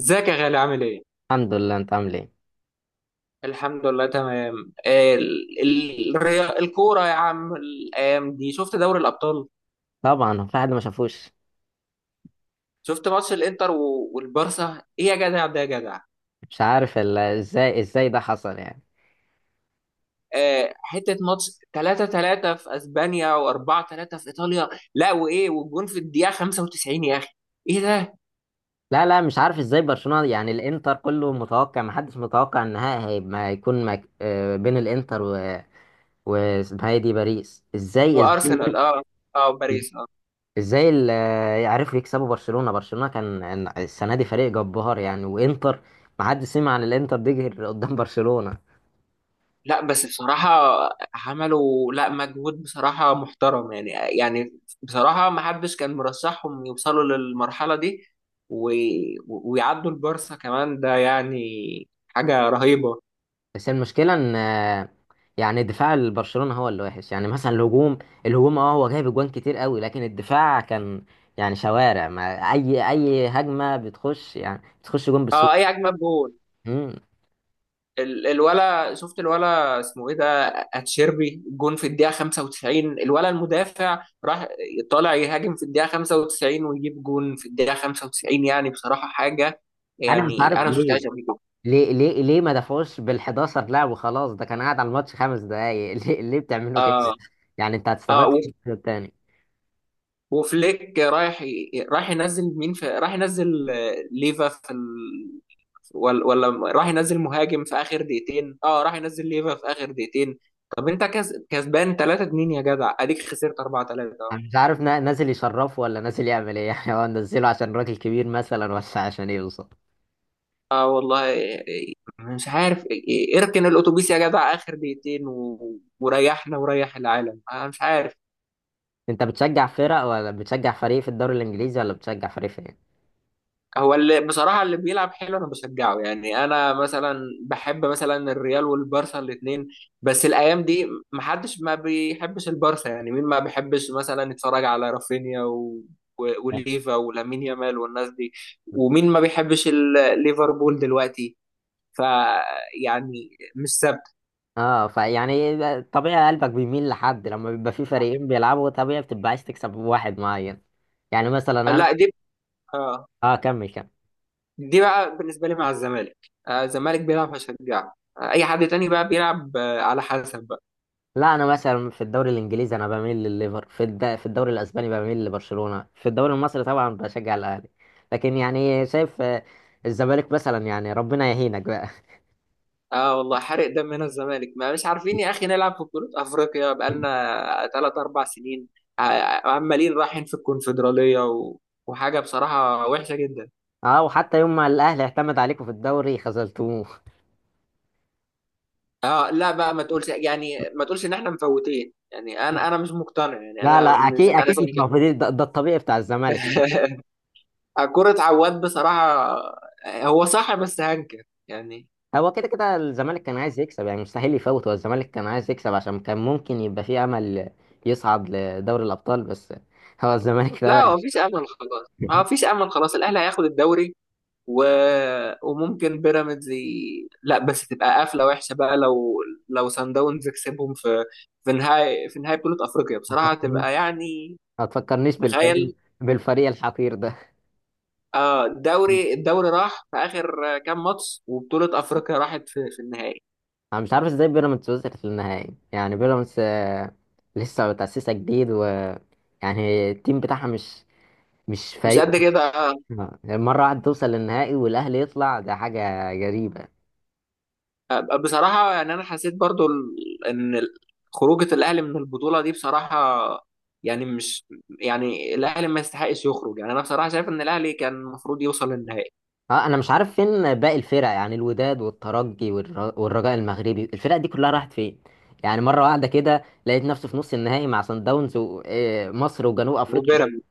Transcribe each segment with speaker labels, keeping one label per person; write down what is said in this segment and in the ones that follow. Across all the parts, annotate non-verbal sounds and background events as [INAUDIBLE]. Speaker 1: ازيك يا غالي، عامل ايه؟
Speaker 2: الحمد لله، انت عامل ايه؟
Speaker 1: الحمد لله، تمام. الكورة يا عم، الأيام دي شفت دوري الأبطال؟
Speaker 2: طبعا، هو في حد ما شافوش؟
Speaker 1: شفت ماتش الإنتر والبارسا؟ ايه يا جدع، ده يا جدع؟
Speaker 2: مش عارف ازاي ده حصل يعني.
Speaker 1: حتة ماتش 3-3 في أسبانيا، و4-3 في إيطاليا. لا، وإيه والجون في الدقيقة 95 يا أخي؟ ايه ده؟
Speaker 2: لا، لا، مش عارف ازاي برشلونة. يعني الانتر كله متوقع، ما حدش متوقع النهائي ما يكون بين الانتر و واسمها ايه دي، باريس، ازاي.
Speaker 1: وأرسنال، اه. اه، باريس.
Speaker 2: ازاي يعرفوا يكسبوا برشلونة. برشلونة كان السنة دي فريق جبار يعني، وانتر ما حدش سمع عن الانتر دي غير قدام برشلونة.
Speaker 1: لا، بس بصراحة عملوا لا مجهود بصراحة محترم، يعني. يعني بصراحة ما حدش كان مرشحهم يوصلوا للمرحلة دي، و... ويعدوا البارسا كمان، ده يعني حاجة رهيبة.
Speaker 2: بس المشكلة ان يعني دفاع برشلونة هو اللي وحش. يعني مثلا الهجوم، الهجوم هو جايب اجوان كتير قوي، لكن الدفاع كان يعني شوارع، ما اي هجمة بتخش، يعني بتخش جون
Speaker 1: اه،
Speaker 2: بالسوق.
Speaker 1: اي اجمد جول.
Speaker 2: مم.
Speaker 1: الولا، شفت الولا اسمه ايه ده؟ اتشيربي جون في الدقيقة 95، الولا المدافع راح طالع يهاجم في الدقيقة 95، ويجيب جون في الدقيقة 95. يعني بصراحة حاجة،
Speaker 2: انا مش
Speaker 1: يعني
Speaker 2: عارف
Speaker 1: انا ما
Speaker 2: ليه،
Speaker 1: شفتهاش قبل كده.
Speaker 2: ما دفعوش بال11 لاعب وخلاص؟ ده كان قاعد على الماتش 5 دقايق [LAUGHS] ليه بتعملوا كده؟
Speaker 1: اه.
Speaker 2: يعني انت
Speaker 1: اه،
Speaker 2: هتستفاد إيه من التاني؟
Speaker 1: وفليك رايح رايح ينزل مين، في رايح ينزل ليفا في ولا راح ينزل مهاجم في اخر دقيقتين، اه، راح ينزل ليفا في اخر دقيقتين. طب انت كسبان 3 2 يا جدع، اديك خسرت 4 3، اه.
Speaker 2: انا مش عارف، نازل يشرفه ولا نازل يعمل ايه؟ [LAUGHS] يعني هو نزله عشان راجل كبير مثلا ولا عشان ايه بالظبط؟
Speaker 1: اه، والله إيه، مش عارف إيه، إيه، اركن الاتوبيس يا جدع اخر دقيقتين، وريحنا وريح العالم، انا مش عارف.
Speaker 2: انت بتشجع فرق ولا بتشجع فريق في الدوري الانجليزي ولا بتشجع فريق فين؟
Speaker 1: هو اللي بصراحة اللي بيلعب حلو أنا بشجعه، يعني. أنا مثلا بحب مثلا الريال والبارسا الاتنين، بس الأيام دي محدش ما بيحبش البارسا، يعني مين ما بيحبش مثلا يتفرج على رافينيا وليفا ولامين يامال والناس دي، ومين ما بيحبش ليفربول دلوقتي؟ ف يعني، مش ثابت.
Speaker 2: اه، فيعني طبيعي قلبك بيميل لحد. لما بيبقى في فريقين بيلعبوا، طبيعي بتبقى عايز تكسب واحد معين. يعني مثلا انا،
Speaker 1: لا دي آه
Speaker 2: اه، كمل كمل.
Speaker 1: دي بقى بالنسبة لي مع الزمالك. الزمالك بيلعب هشجعه، أي حد تاني بقى بيلعب على حسب.
Speaker 2: لا، انا مثلا في الدوري الانجليزي انا بميل لليفر، في الدوري الاسباني بميل لبرشلونة، في الدوري المصري طبعا بشجع الاهلي. لكن يعني شايف، الزمالك مثلا، يعني ربنا يهينك بقى.
Speaker 1: اه، والله حرق دمنا الزمالك، ما مش عارفين يا اخي نلعب في بطولة افريقيا
Speaker 2: [LAUGHS]
Speaker 1: بقالنا ثلاث اربع سنين. عمالين رايحين في الكونفدرالية وحاجة بصراحة وحشة جدا.
Speaker 2: اه، وحتى يوم ما الاهلي اعتمد عليكم في الدوري خذلتوه.
Speaker 1: اه، لا بقى، ما تقولش يعني، ما تقولش ان احنا مفوتين. يعني انا مش مقتنع، يعني
Speaker 2: لا، لا،
Speaker 1: انا
Speaker 2: اكيد،
Speaker 1: مش- انا
Speaker 2: اكيد، مش
Speaker 1: زعلان.
Speaker 2: موجودين. ده الطبيعي بتاع الزمالك.
Speaker 1: [LAUGHS] كرة عواد بصراحة، هو صح بس هنكر يعني.
Speaker 2: هو كده كده الزمالك كان عايز يكسب. يعني مستحيل يفوت. هو الزمالك كان عايز يكسب عشان كان ممكن يبقى فيه امل يصعد لدوري الابطال بس. هو الزمالك [LAUGHS] ده.
Speaker 1: لا، هو مفيش امل خلاص، ما هو مفيش امل خلاص، الاهلي هياخد الدوري. و... وممكن بيراميدز لا، بس تبقى قفله وحشه بقى لو، لو سان داونز كسبهم في نهائي بطوله افريقيا، بصراحه تبقى يعني،
Speaker 2: ما تفكرنيش بالفريق
Speaker 1: تخيل.
Speaker 2: بالفريق الحقير ده.
Speaker 1: اه، الدوري راح في اخر كام ماتش، وبطوله افريقيا راحت في النهائي.
Speaker 2: انا مش عارف ازاي بيراميدز وصلت للنهائي. يعني بيراميدز، لسه متأسسة جديد، و يعني التيم بتاعها مش
Speaker 1: مش
Speaker 2: فريق.
Speaker 1: قد كده.
Speaker 2: مرة واحدة توصل للنهائي والاهلي يطلع، ده حاجة غريبة.
Speaker 1: بصراحه يعني انا حسيت برضو خروجه الاهلي من البطوله دي، بصراحه، يعني مش يعني الاهلي ما يستحقش يخرج، يعني انا بصراحه شايف ان الاهلي كان المفروض يوصل للنهائي،
Speaker 2: اه، انا مش عارف فين باقي الفرق. يعني الوداد والترجي والرجاء المغربي، الفرق دي كلها راحت فين؟ يعني مره واحده كده لقيت نفسي في نص النهائي مع صن داونز ومصر وجنوب افريقيا بس.
Speaker 1: وبيراميدز.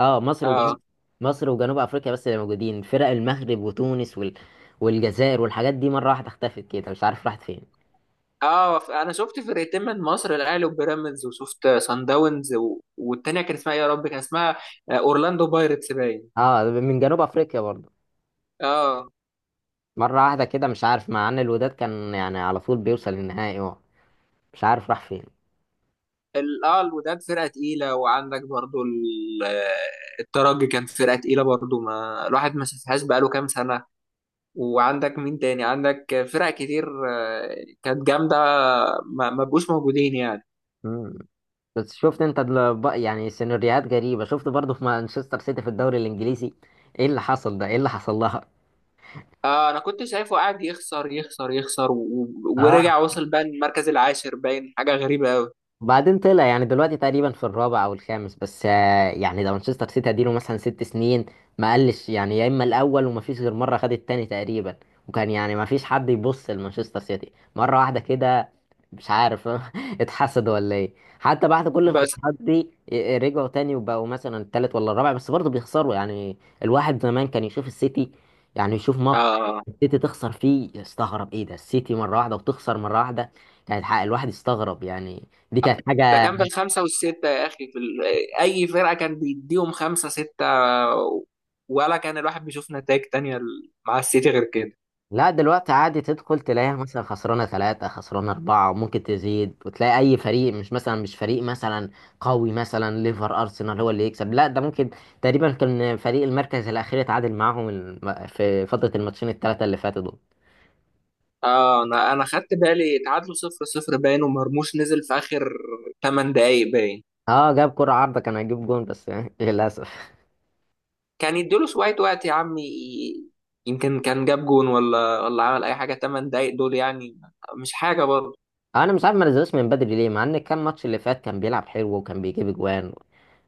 Speaker 2: اه، مصر وجنوب،
Speaker 1: اه.
Speaker 2: مصر وجنوب افريقيا بس اللي موجودين. فرق المغرب وتونس والجزائر والحاجات دي مره واحده اختفت كده، مش عارف راحت فين.
Speaker 1: اه، انا شفت فرقتين من مصر، الاهلي وبيراميدز، وشفت سان داونز والتانيه كان اسمها إيه يا رب، كان اسمها اورلاندو بايرتس باين.
Speaker 2: اه، من جنوب افريقيا برضه.
Speaker 1: اه.
Speaker 2: مره واحده كده مش عارف، مع ان الوداد كان يعني على طول بيوصل للنهائي، اه، مش عارف راح فين.
Speaker 1: اه، الوداد فرقه تقيله، وعندك برضو الترجي كان فرقه تقيله برضو، ما الواحد ما شافهاش بقاله كام سنه. وعندك مين تاني؟ عندك فرق كتير كانت جامده، ما بقوش موجودين يعني.
Speaker 2: مم. بس شفت انت، يعني سيناريوهات غريبة. شفت برضه في مانشستر سيتي في الدوري الانجليزي؟ ايه اللي حصل ده؟ ايه اللي حصل لها؟
Speaker 1: انا كنت شايفه قاعد يخسر يخسر يخسر
Speaker 2: اه،
Speaker 1: ورجع وصل بقى المركز العاشر باين، حاجه غريبه
Speaker 2: وبعدين طلع، يعني دلوقتي تقريبا في الرابع او الخامس بس. يعني ده مانشستر سيتي اديله مثلا 6 سنين ما قلش يعني، يا اما الاول وما فيش غير مره خد التاني تقريبا. وكان يعني ما فيش حد يبص لمانشستر سيتي. مره واحده كده مش عارف [LAUGHS] اتحسد ولا ايه؟ حتى بعد كل
Speaker 1: قوي.
Speaker 2: الخسارات دي رجعوا تاني وبقوا مثلا التالت ولا الرابع، بس برضه بيخسروا يعني. الواحد زمان كان يشوف السيتي، يعني يشوف ماتش
Speaker 1: اه،
Speaker 2: السيتي تخسر فيه، يستغرب ايه ده السيتي مره واحده وتخسر مره واحده. كانت حق الواحد يستغرب يعني. دي كانت
Speaker 1: ده
Speaker 2: حاجة.
Speaker 1: كان بالخمسة والستة يا أخي، في أي فرقة كان بيديهم خمسة ستة، ولا كان الواحد بيشوف نتائج تانية مع السيتي غير كده.
Speaker 2: لا، دلوقتي عادي تدخل تلاقيها مثلا خسرانة 3، خسرانة 4، وممكن تزيد. وتلاقي أي فريق، مش مثلا مش فريق مثلا قوي، مثلا ليفر، أرسنال هو اللي يكسب، لا، ده ممكن تقريبا كان فريق المركز الأخير اتعادل معاهم، في فترة الماتشين الثلاثة اللي فاتوا دول.
Speaker 1: اه، أنا خدت بالي تعادلوا 0-0 باين، ومرموش نزل في آخر 8 دقايق باين.
Speaker 2: اه، جاب كرة عارضة، كان هيجيب جون بس [LAUGHS] للأسف.
Speaker 1: كان يديله شوية وقت يا عم يمكن كان جاب جون، ولا عمل أي حاجة، 8 دقايق دول يعني، مش حاجة برضه.
Speaker 2: أنا مش عارف ما نزلوش من بدري ليه، مع إن كان الماتش اللي فات كان بيلعب حلو وكان بيجيب أجوان.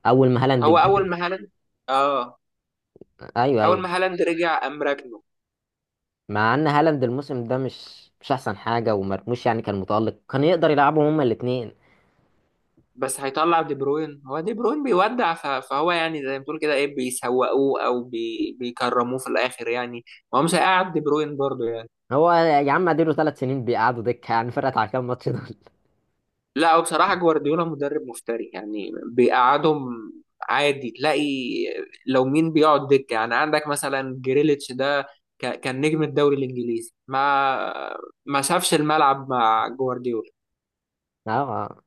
Speaker 2: أول ما هالاند
Speaker 1: هو أول ما هالاند اه،
Speaker 2: أيوه،
Speaker 1: أول
Speaker 2: أيوه.
Speaker 1: ما هالاند رجع قام راكنه.
Speaker 2: مع ان هالاند الموسم ده مش احسن حاجه، ومرموش يعني كان متالق، كان يقدر يلعبهم هما الاثنين.
Speaker 1: بس هيطلع دي بروين، هو دي بروين بيودع، فهو يعني زي ما بتقول كده، ايه، بيسوقوه او بيكرموه في الاخر يعني. هو مش هيقعد دي بروين برضه يعني.
Speaker 2: هو يا عم اديله 3 سنين بيقعدوا دكه. يعني فرقت على كام ماتش دول [LAUGHS]
Speaker 1: لا، هو بصراحة جوارديولا مدرب مفتري، يعني بيقعدهم. عادي تلاقي، لو مين بيقعد دكة؟ يعني عندك مثلا جريليتش ده كان نجم الدوري الانجليزي، ما شافش الملعب مع جوارديولا.
Speaker 2: اه،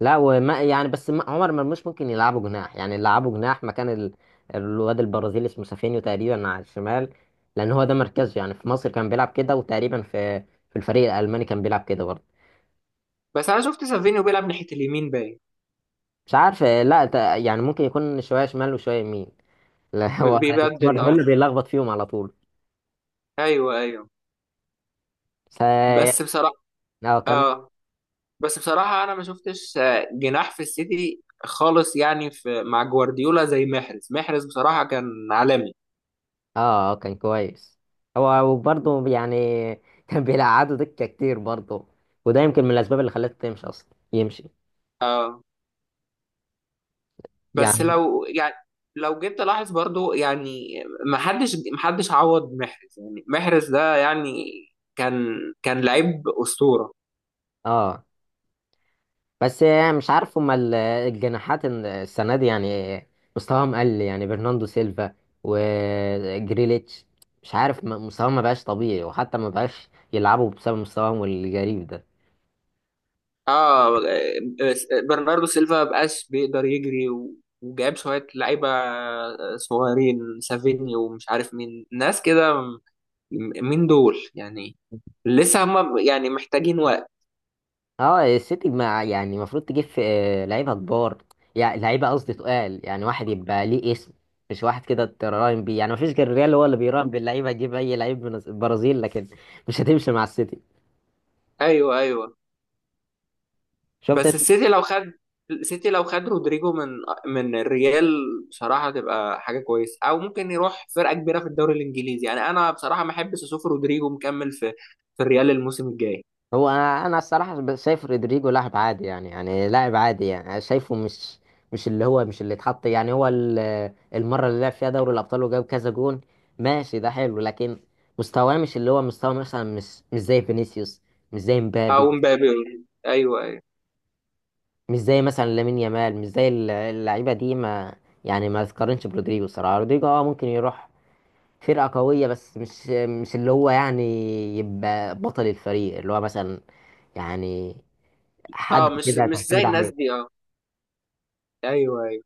Speaker 2: لا وما يعني بس، عمر مرموش ممكن يلعبه جناح، يعني يلعبه جناح مكان الواد البرازيلي اسمه سافينيو تقريبا على الشمال. لان هو ده مركزه. يعني في مصر كان بيلعب كده، وتقريبا في في الفريق الالماني كان بيلعب كده برضه.
Speaker 1: بس انا شفت سافينيو بيلعب ناحية اليمين باين.
Speaker 2: مش عارف، لا، يعني ممكن يكون شويه شمال وشويه يمين. لا، هو [LAUGHS] الاسمر
Speaker 1: بيبدل،
Speaker 2: ده
Speaker 1: اه.
Speaker 2: اللي بيلخبط فيهم على طول.
Speaker 1: ايوه ايوه.
Speaker 2: ف
Speaker 1: بس بصراحة،
Speaker 2: اه، كان،
Speaker 1: اه. بس بصراحة أنا ما شفتش جناح في السيتي خالص يعني، في مع جوارديولا زي محرز. محرز بصراحة كان عالمي.
Speaker 2: اه، اه، كان كويس. هو وبرضه يعني [LAUGHS] كان بيلعبوا دكة كتير برضه. وده يمكن من الأسباب اللي خلته تمشي أصلا، يمشي.
Speaker 1: آه، بس
Speaker 2: يعني
Speaker 1: لو يعني، لو جيت تلاحظ برضو يعني، ما حدش عوض محرز، يعني محرز ده يعني، كان كان لعيب أسطورة.
Speaker 2: اه، بس يعني مش عارف هما الجناحات السنة دي يعني مستواهم قل يعني. برناندو سيلفا وجريليتش، مش عارف، مستواهم ما بقاش طبيعي، وحتى ما بقاش يلعبوا بسبب مستواهم الغريب ده.
Speaker 1: اه. برناردو سيلفا مبقاش بيقدر يجري وجاب شوية لعيبة صغيرين، سافيني ومش عارف مين، ناس كده. مين دول يعني؟ لسه هم يعني محتاجين وقت.
Speaker 2: اه، السيتي مع يعني المفروض تجيب في لعيبه كبار. يعني لعيبه قصدي تقال، يعني واحد يبقى ليه اسم، مش واحد كده تراهن بيه. يعني مفيش غير الريال هو اللي بيراهن باللعيبه، يجيب اي لعيب من البرازيل، لكن مش هتمشي مع السيتي.
Speaker 1: ايوه ايوه.
Speaker 2: شفت
Speaker 1: بس
Speaker 2: انت؟
Speaker 1: السيتي لو خد السيتي لو خد رودريجو من الريال، بصراحه تبقى حاجه كويسه، او ممكن يروح فرقه كبيره في الدوري الانجليزي، يعني انا بصراحه ما احبش اشوف رودريجو مكمل في الريال الموسم الجاي،
Speaker 2: هو، انا الصراحه شايف رودريجو لاعب عادي، يعني لاعب عادي، يعني شايفه مش اللي هو، مش اللي اتحط يعني، هو المره اللي لعب فيها دوري الابطال وجاب كذا جون، ماشي، ده حلو، لكن مستواه مش اللي هو مستوى مثلا، مش زي فينيسيوس، مش زي
Speaker 1: او
Speaker 2: مبابي،
Speaker 1: مبابي. ايوه ايوه.
Speaker 2: مش زي مثلا لامين يامال، مش زي اللعيبه دي، ما يعني، ما تقارنش برودريجو. الصراحه رودريجو اه ممكن يروح فرقه قويه، بس مش اللي هو يعني يبقى بطل الفريق اللي هو مثلا، يعني، حد
Speaker 1: اه، مش
Speaker 2: كده
Speaker 1: مش زي
Speaker 2: تعتمد عليه.
Speaker 1: الناس دي، اه. ايوه ايوه.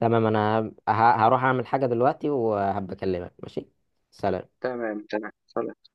Speaker 2: تمام، انا هروح اعمل حاجه دلوقتي وهبقى اكلمك، ماشي. سلام.
Speaker 1: تمام تمام خلاص.